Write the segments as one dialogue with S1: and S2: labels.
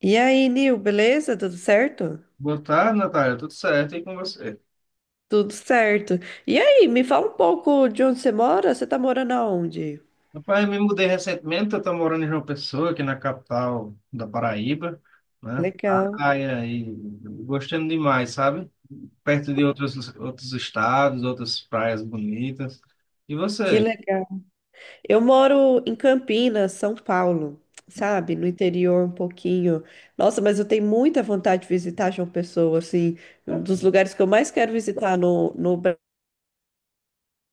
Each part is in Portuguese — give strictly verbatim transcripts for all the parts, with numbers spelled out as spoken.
S1: E aí, Nil, beleza? Tudo certo?
S2: Boa tarde, Natália. Tudo certo? E com você?
S1: Tudo certo. E aí, me fala um pouco de onde você mora? Você tá morando aonde?
S2: Rapaz, eu me mudei recentemente. Eu estou morando em João Pessoa, aqui na capital da Paraíba, né?
S1: Legal,
S2: Praia e gostando demais, sabe? Perto de outros, outros estados, outras praias bonitas. E
S1: que
S2: você?
S1: legal. Eu moro em Campinas, São Paulo, sabe? No interior um pouquinho. Nossa, mas eu tenho muita vontade de visitar João Pessoa, assim, um dos lugares que eu mais quero visitar no, no Brasil.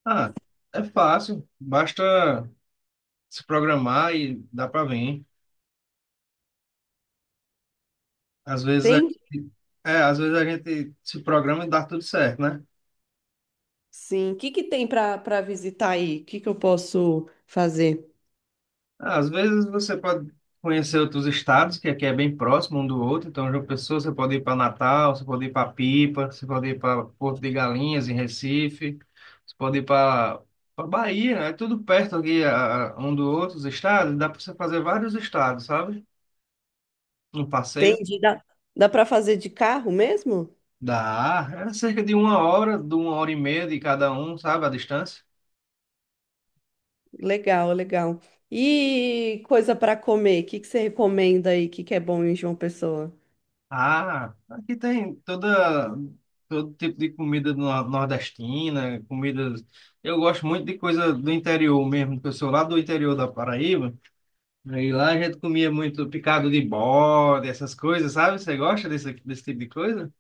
S2: Ah, é fácil. Basta se programar e dá para vir. Às vezes a,
S1: Tem?
S2: é, às vezes a gente se programa e dá tudo certo, né?
S1: Sim. O que que tem para para visitar aí? O que que eu posso fazer?
S2: Às vezes você pode conhecer outros estados, que aqui é bem próximo um do outro. Então, João Pessoa, você pode ir para Natal, você pode ir para Pipa, você pode ir para Porto de Galinhas, em Recife, você pode ir para para Bahia, é tudo perto aqui a- a- um do outro, os estados. Dá para você fazer vários estados, sabe? Um
S1: Tem
S2: passeio.
S1: de dá, dá para fazer de carro mesmo?
S2: Dá, é cerca de uma hora, de uma hora e meia de cada um, sabe, a distância.
S1: Legal, legal. E coisa para comer, o que que você recomenda aí? O que que é bom em João Pessoa?
S2: Ah, aqui tem toda todo tipo de comida no- nordestina, comidas. Eu gosto muito de coisa do interior mesmo, porque eu sou lá do interior da Paraíba. E lá a gente comia muito picado de bode, essas coisas, sabe? Você gosta desse, desse tipo de coisa?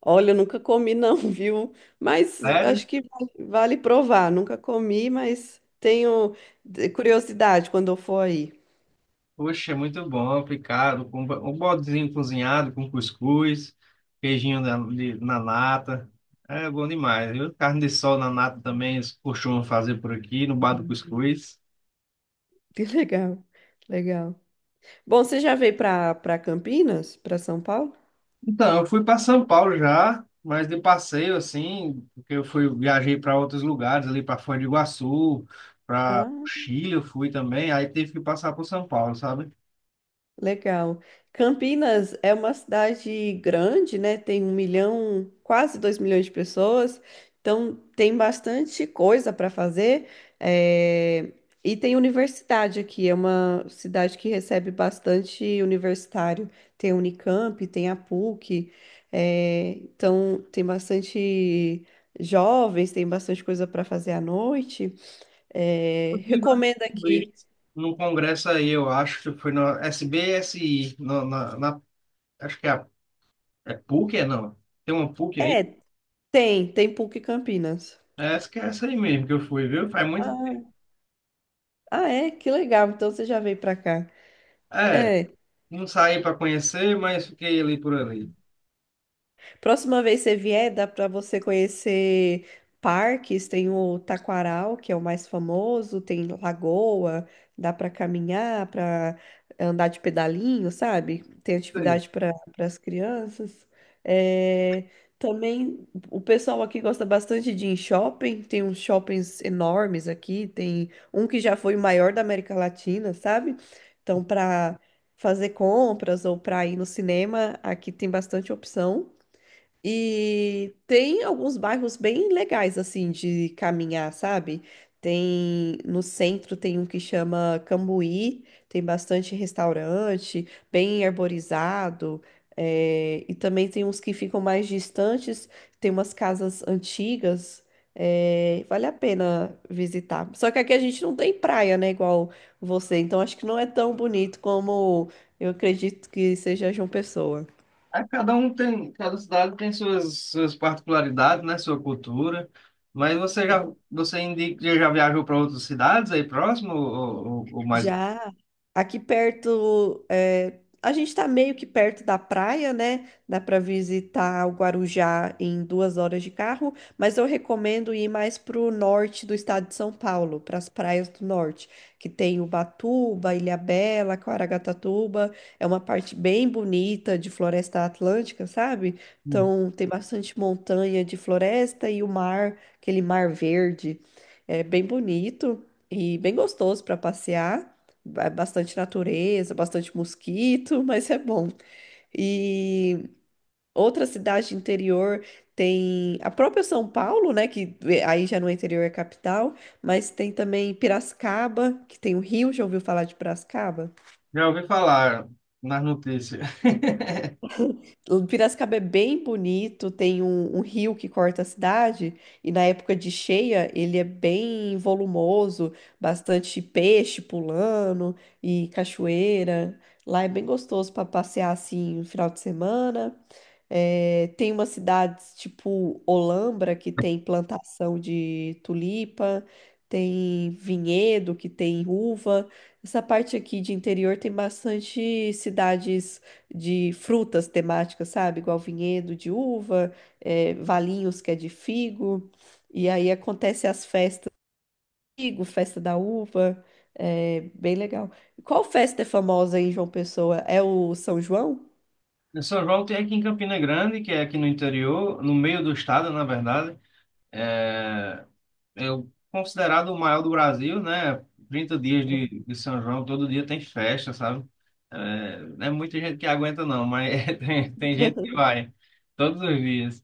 S1: Olha, eu nunca comi não, viu? Mas
S2: Sério?
S1: acho que vale vale provar. Nunca comi, mas tenho de- curiosidade quando eu for aí.
S2: Poxa, é muito bom, picado, com um bo- um bodezinho cozinhado, com cuscuz, queijinho na, de- na nata. É bom demais, viu? Carne de sol na nata também, eles costumam fazer por aqui, no bar do cuscuz.
S1: Que legal, legal. Bom, você já veio para para Campinas, para São Paulo?
S2: Então, eu fui para São Paulo já, mas de passeio assim, porque eu fui viajei para outros lugares ali para Foz do Iguaçu, para o
S1: Ah.
S2: Chile eu fui também, aí tive que passar por São Paulo, sabe?
S1: Legal. Campinas é uma cidade grande, né? Tem um milhão, quase dois milhões de pessoas, então tem bastante coisa para fazer. eh, E tem universidade aqui, é uma cidade que recebe bastante universitário. Tem a Unicamp, tem a P U C, eh, então tem bastante jovens, tem bastante coisa para fazer à noite. Eh,
S2: Inclusive,
S1: Recomendo
S2: eu fui
S1: aqui.
S2: num congresso aí, eu acho que foi na S B S I, na, na, na- acho que é, a- é P U C, é não? Tem uma P U C aí?
S1: É, tem, tem P U C Campinas.
S2: É, acho que é essa aí mesmo que eu fui, viu? Faz muito.
S1: Ah, Ah, é? Que legal. Então você já veio pra cá.
S2: É,
S1: É.
S2: não saí para conhecer, mas fiquei ali por ali.
S1: Próxima vez você vier, dá para você conhecer parques, tem o Taquaral, que é o mais famoso, tem Lagoa, dá para caminhar, para andar de pedalinho, sabe? Tem atividade para as crianças. É, também o pessoal aqui gosta bastante de ir em shopping, tem uns shoppings enormes aqui, tem um que já foi o maior da América Latina, sabe? Então, para fazer compras ou para ir no cinema, aqui tem bastante opção. E tem alguns bairros bem legais, assim, de caminhar, sabe? Tem no centro tem um que chama Cambuí, tem bastante restaurante, bem arborizado, eh, e também tem uns que ficam mais distantes, tem umas casas antigas, eh, vale a pena visitar. Só que aqui a gente não tem praia, né, igual você, então acho que não é tão bonito como eu acredito que seja João Pessoa.
S2: É, cada um tem, cada cidade tem suas, suas particularidades, né? Sua cultura. Mas você já, você indica, já viajou para outras cidades aí próximo ou, ou, ou mais longe?
S1: Já aqui perto, é, a gente está meio que perto da praia, né? Dá para visitar o Guarujá em duas horas de carro, mas eu recomendo ir mais pro norte do estado de São Paulo, para as praias do norte, que tem Ubatuba, Ilhabela, Caraguatatuba. É uma parte bem bonita de floresta atlântica, sabe? Então tem bastante montanha de floresta e o mar, aquele mar verde. É bem bonito e bem gostoso para passear. Ba- Bastante natureza, bastante mosquito, mas é bom. E outra cidade interior tem a própria São Paulo, né? Que eh, aí já não é interior, é capital, mas tem também Piracicaba, que tem o rio. Já ouviu falar de Piracicaba?
S2: Já ouvi falar nas notícias.
S1: Piracicaba é bem bonito, tem um, um rio que corta a cidade, e na época de cheia ele é bem volumoso, bastante peixe pulando e cachoeira. Lá é bem gostoso para passear assim no final de semana. É, tem umas cidades tipo Olambra, que tem plantação de tulipa, tem vinhedo, que tem uva. Essa parte aqui de interior tem bastante cidades de frutas temáticas, sabe? Igual vinhedo de uva, é, Valinhos, que é de figo. E aí acontece as festas do figo, festa da uva. É bem legal. Qual festa é famosa em João Pessoa? É o São João?
S2: Em São João tem aqui em Campina Grande, que é aqui no interior, no meio do estado, na verdade. É, é o- Considerado o maior do Brasil, né? Trinta dias de, de São João, todo dia tem festa, sabe? É, não é muita gente que aguenta, não, mas tem, tem, gente que vai todos os dias.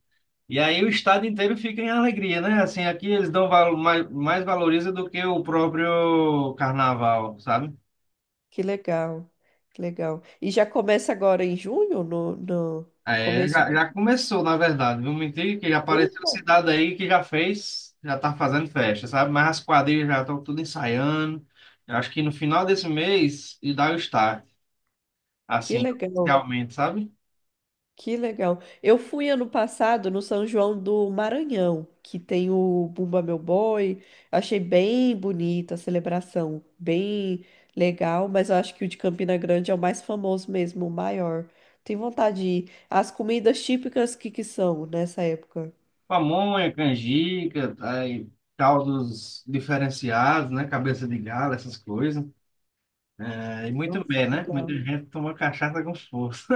S2: E aí o estado inteiro fica em alegria, né? Assim, aqui eles dão valo- mais, mais valoriza do que o próprio carnaval, sabe?
S1: Que legal, que legal. E já começa agora em junho, no, no
S2: É,
S1: começo
S2: já,
S1: de...
S2: já começou, na verdade. Não mentir que já apareceu
S1: Eita,
S2: cidade aí que já fez, já tá fazendo festa, sabe? Mas as quadrilhas já estão tudo ensaiando. Eu acho que no final desse mês e dá o start,
S1: que
S2: assim,
S1: legal,
S2: realmente, sabe?
S1: que legal. Eu fui ano passado no São João do Maranhão, que tem o Bumba Meu Boi. Achei bem bonita a celebração, bem legal, mas eu acho que o de Campina Grande é o mais famoso mesmo, o maior. Tenho vontade de ir. As comidas típicas que que são nessa época?
S2: Pamonha, canjica, aí, caldos diferenciados, né? Cabeça de galo, essas coisas. É, e muito
S1: Nossa,
S2: bem, né? Muita
S1: legal.
S2: gente toma cachaça com força.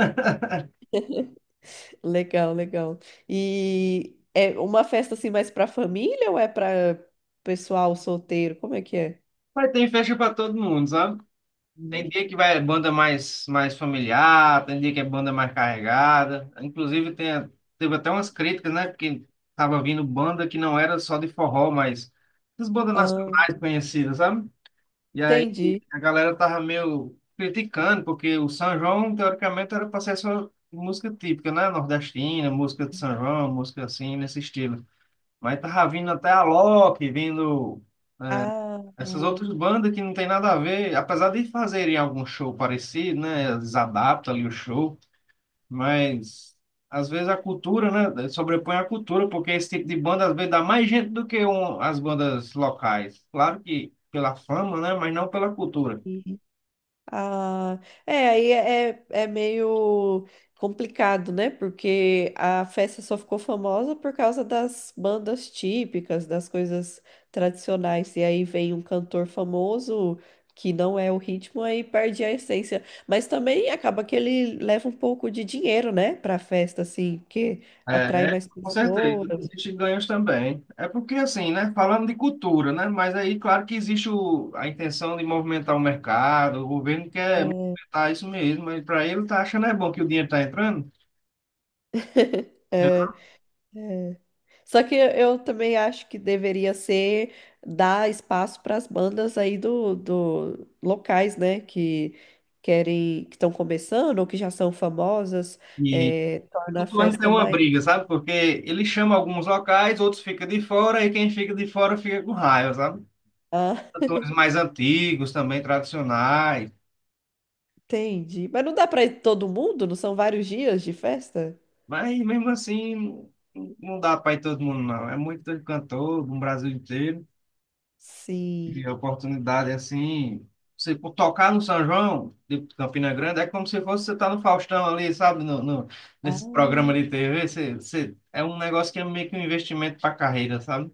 S1: Legal, legal. E é uma festa assim mais para família ou é para pessoal solteiro? Como é que é?
S2: Mas tem festa para todo mundo, sabe? Tem
S1: Hum.
S2: dia que vai é banda mais, mais familiar, tem dia que é banda mais carregada. Inclusive, tem, teve até umas críticas, né? Porque tava vindo banda que não era só de forró, mas as bandas
S1: Ah,
S2: nacionais conhecidas, sabe? E aí
S1: entendi.
S2: a galera tava meio criticando, porque o São João, teoricamente, era para ser só música típica, né? Nordestina, música de São João, música assim, nesse estilo. Mas tava vindo até a Alok, vindo.
S1: Ah,
S2: Essas
S1: tá.
S2: outras bandas que não tem nada a ver, apesar de fazerem algum show parecido, né? Eles adaptam ali o show, mas às vezes a cultura, né? Sobrepõe a cultura, porque esse tipo de banda às vezes dá mais gente do que um- as bandas locais. Claro que pela fama, né? Mas não pela cultura.
S1: Ah, é, aí é, é é meio complicado, né? Porque a festa só ficou famosa por causa das bandas típicas, das coisas tradicionais. E aí vem um cantor famoso que não é o ritmo, aí perde a essência. Mas também acaba que ele leva um pouco de dinheiro, né? Pra festa, assim, que atrai
S2: É, é,
S1: mais
S2: com
S1: pessoas.
S2: certeza, existem ganhos também. É porque assim, né? Falando de cultura, né? Mas aí, claro que existe o, a intenção de movimentar o mercado, o governo quer
S1: É.
S2: movimentar isso mesmo, mas para ele tá achando é bom que o dinheiro tá entrando, né?
S1: É. Só que eu também acho que deveria ser dar espaço para as bandas aí do, do locais, né, que querem, que estão começando ou que já são famosas,
S2: E
S1: é, torna a
S2: todo ano tem
S1: festa
S2: uma
S1: mais.
S2: briga, sabe? Porque ele chama alguns locais, outros ficam de fora, e quem fica de fora fica com raiva, sabe?
S1: Ah,
S2: Cantores mais antigos também, tradicionais.
S1: entendi. Mas não dá para todo mundo? Não são vários dias de festa?
S2: Mas mesmo assim, não não dá para ir todo mundo, não. É muito cantor no Brasil inteiro. E
S1: Sim.
S2: a oportunidade, assim, você por tocar no São João, de Campina Grande, é como se fosse você estar no Faustão ali, sabe? No, no- nesse programa
S1: Ah,
S2: de T V, você, você- é um negócio que é meio que um investimento para a carreira, sabe?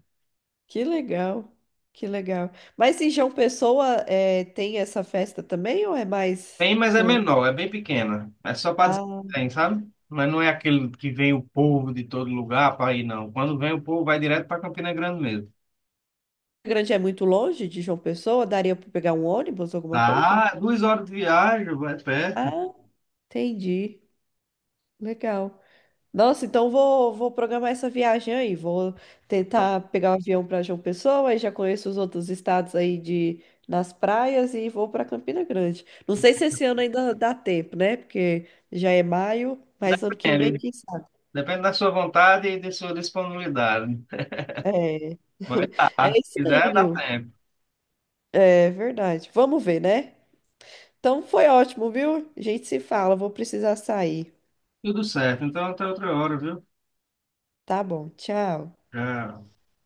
S1: que legal. Que legal. Mas em João Pessoa, é, tem essa festa também ou é mais
S2: Tem, mas é
S1: no...
S2: menor, é bem pequena. É só para dizer
S1: ah,
S2: que tem, sabe? Mas não é aquele que vem o povo de todo lugar para ir, não. Quando vem o povo, vai direto para Campina Grande mesmo.
S1: Grande é muito longe de João Pessoa? Daria para pegar um ônibus, alguma coisa?
S2: Ah, duas horas de viagem, vai perto.
S1: Ah, entendi. Legal. Nossa, então vou, vou programar essa viagem aí. Vou tentar pegar o avião para João Pessoa, aí já conheço os outros estados aí de nas praias e vou para Campina Grande. Não sei se esse ano ainda dá tempo, né? Porque já é maio, mas ano que vem,
S2: Depende,
S1: quem sabe?
S2: depende da sua vontade e de sua disponibilidade.
S1: É,
S2: Mas tá,
S1: é
S2: se
S1: isso aí,
S2: quiser, dá
S1: Nil.
S2: tempo.
S1: É verdade. Vamos ver, né? Então foi ótimo, viu? A gente se fala, vou precisar sair.
S2: Tudo certo, então até outra hora, viu?
S1: Tá bom, tchau.
S2: Já.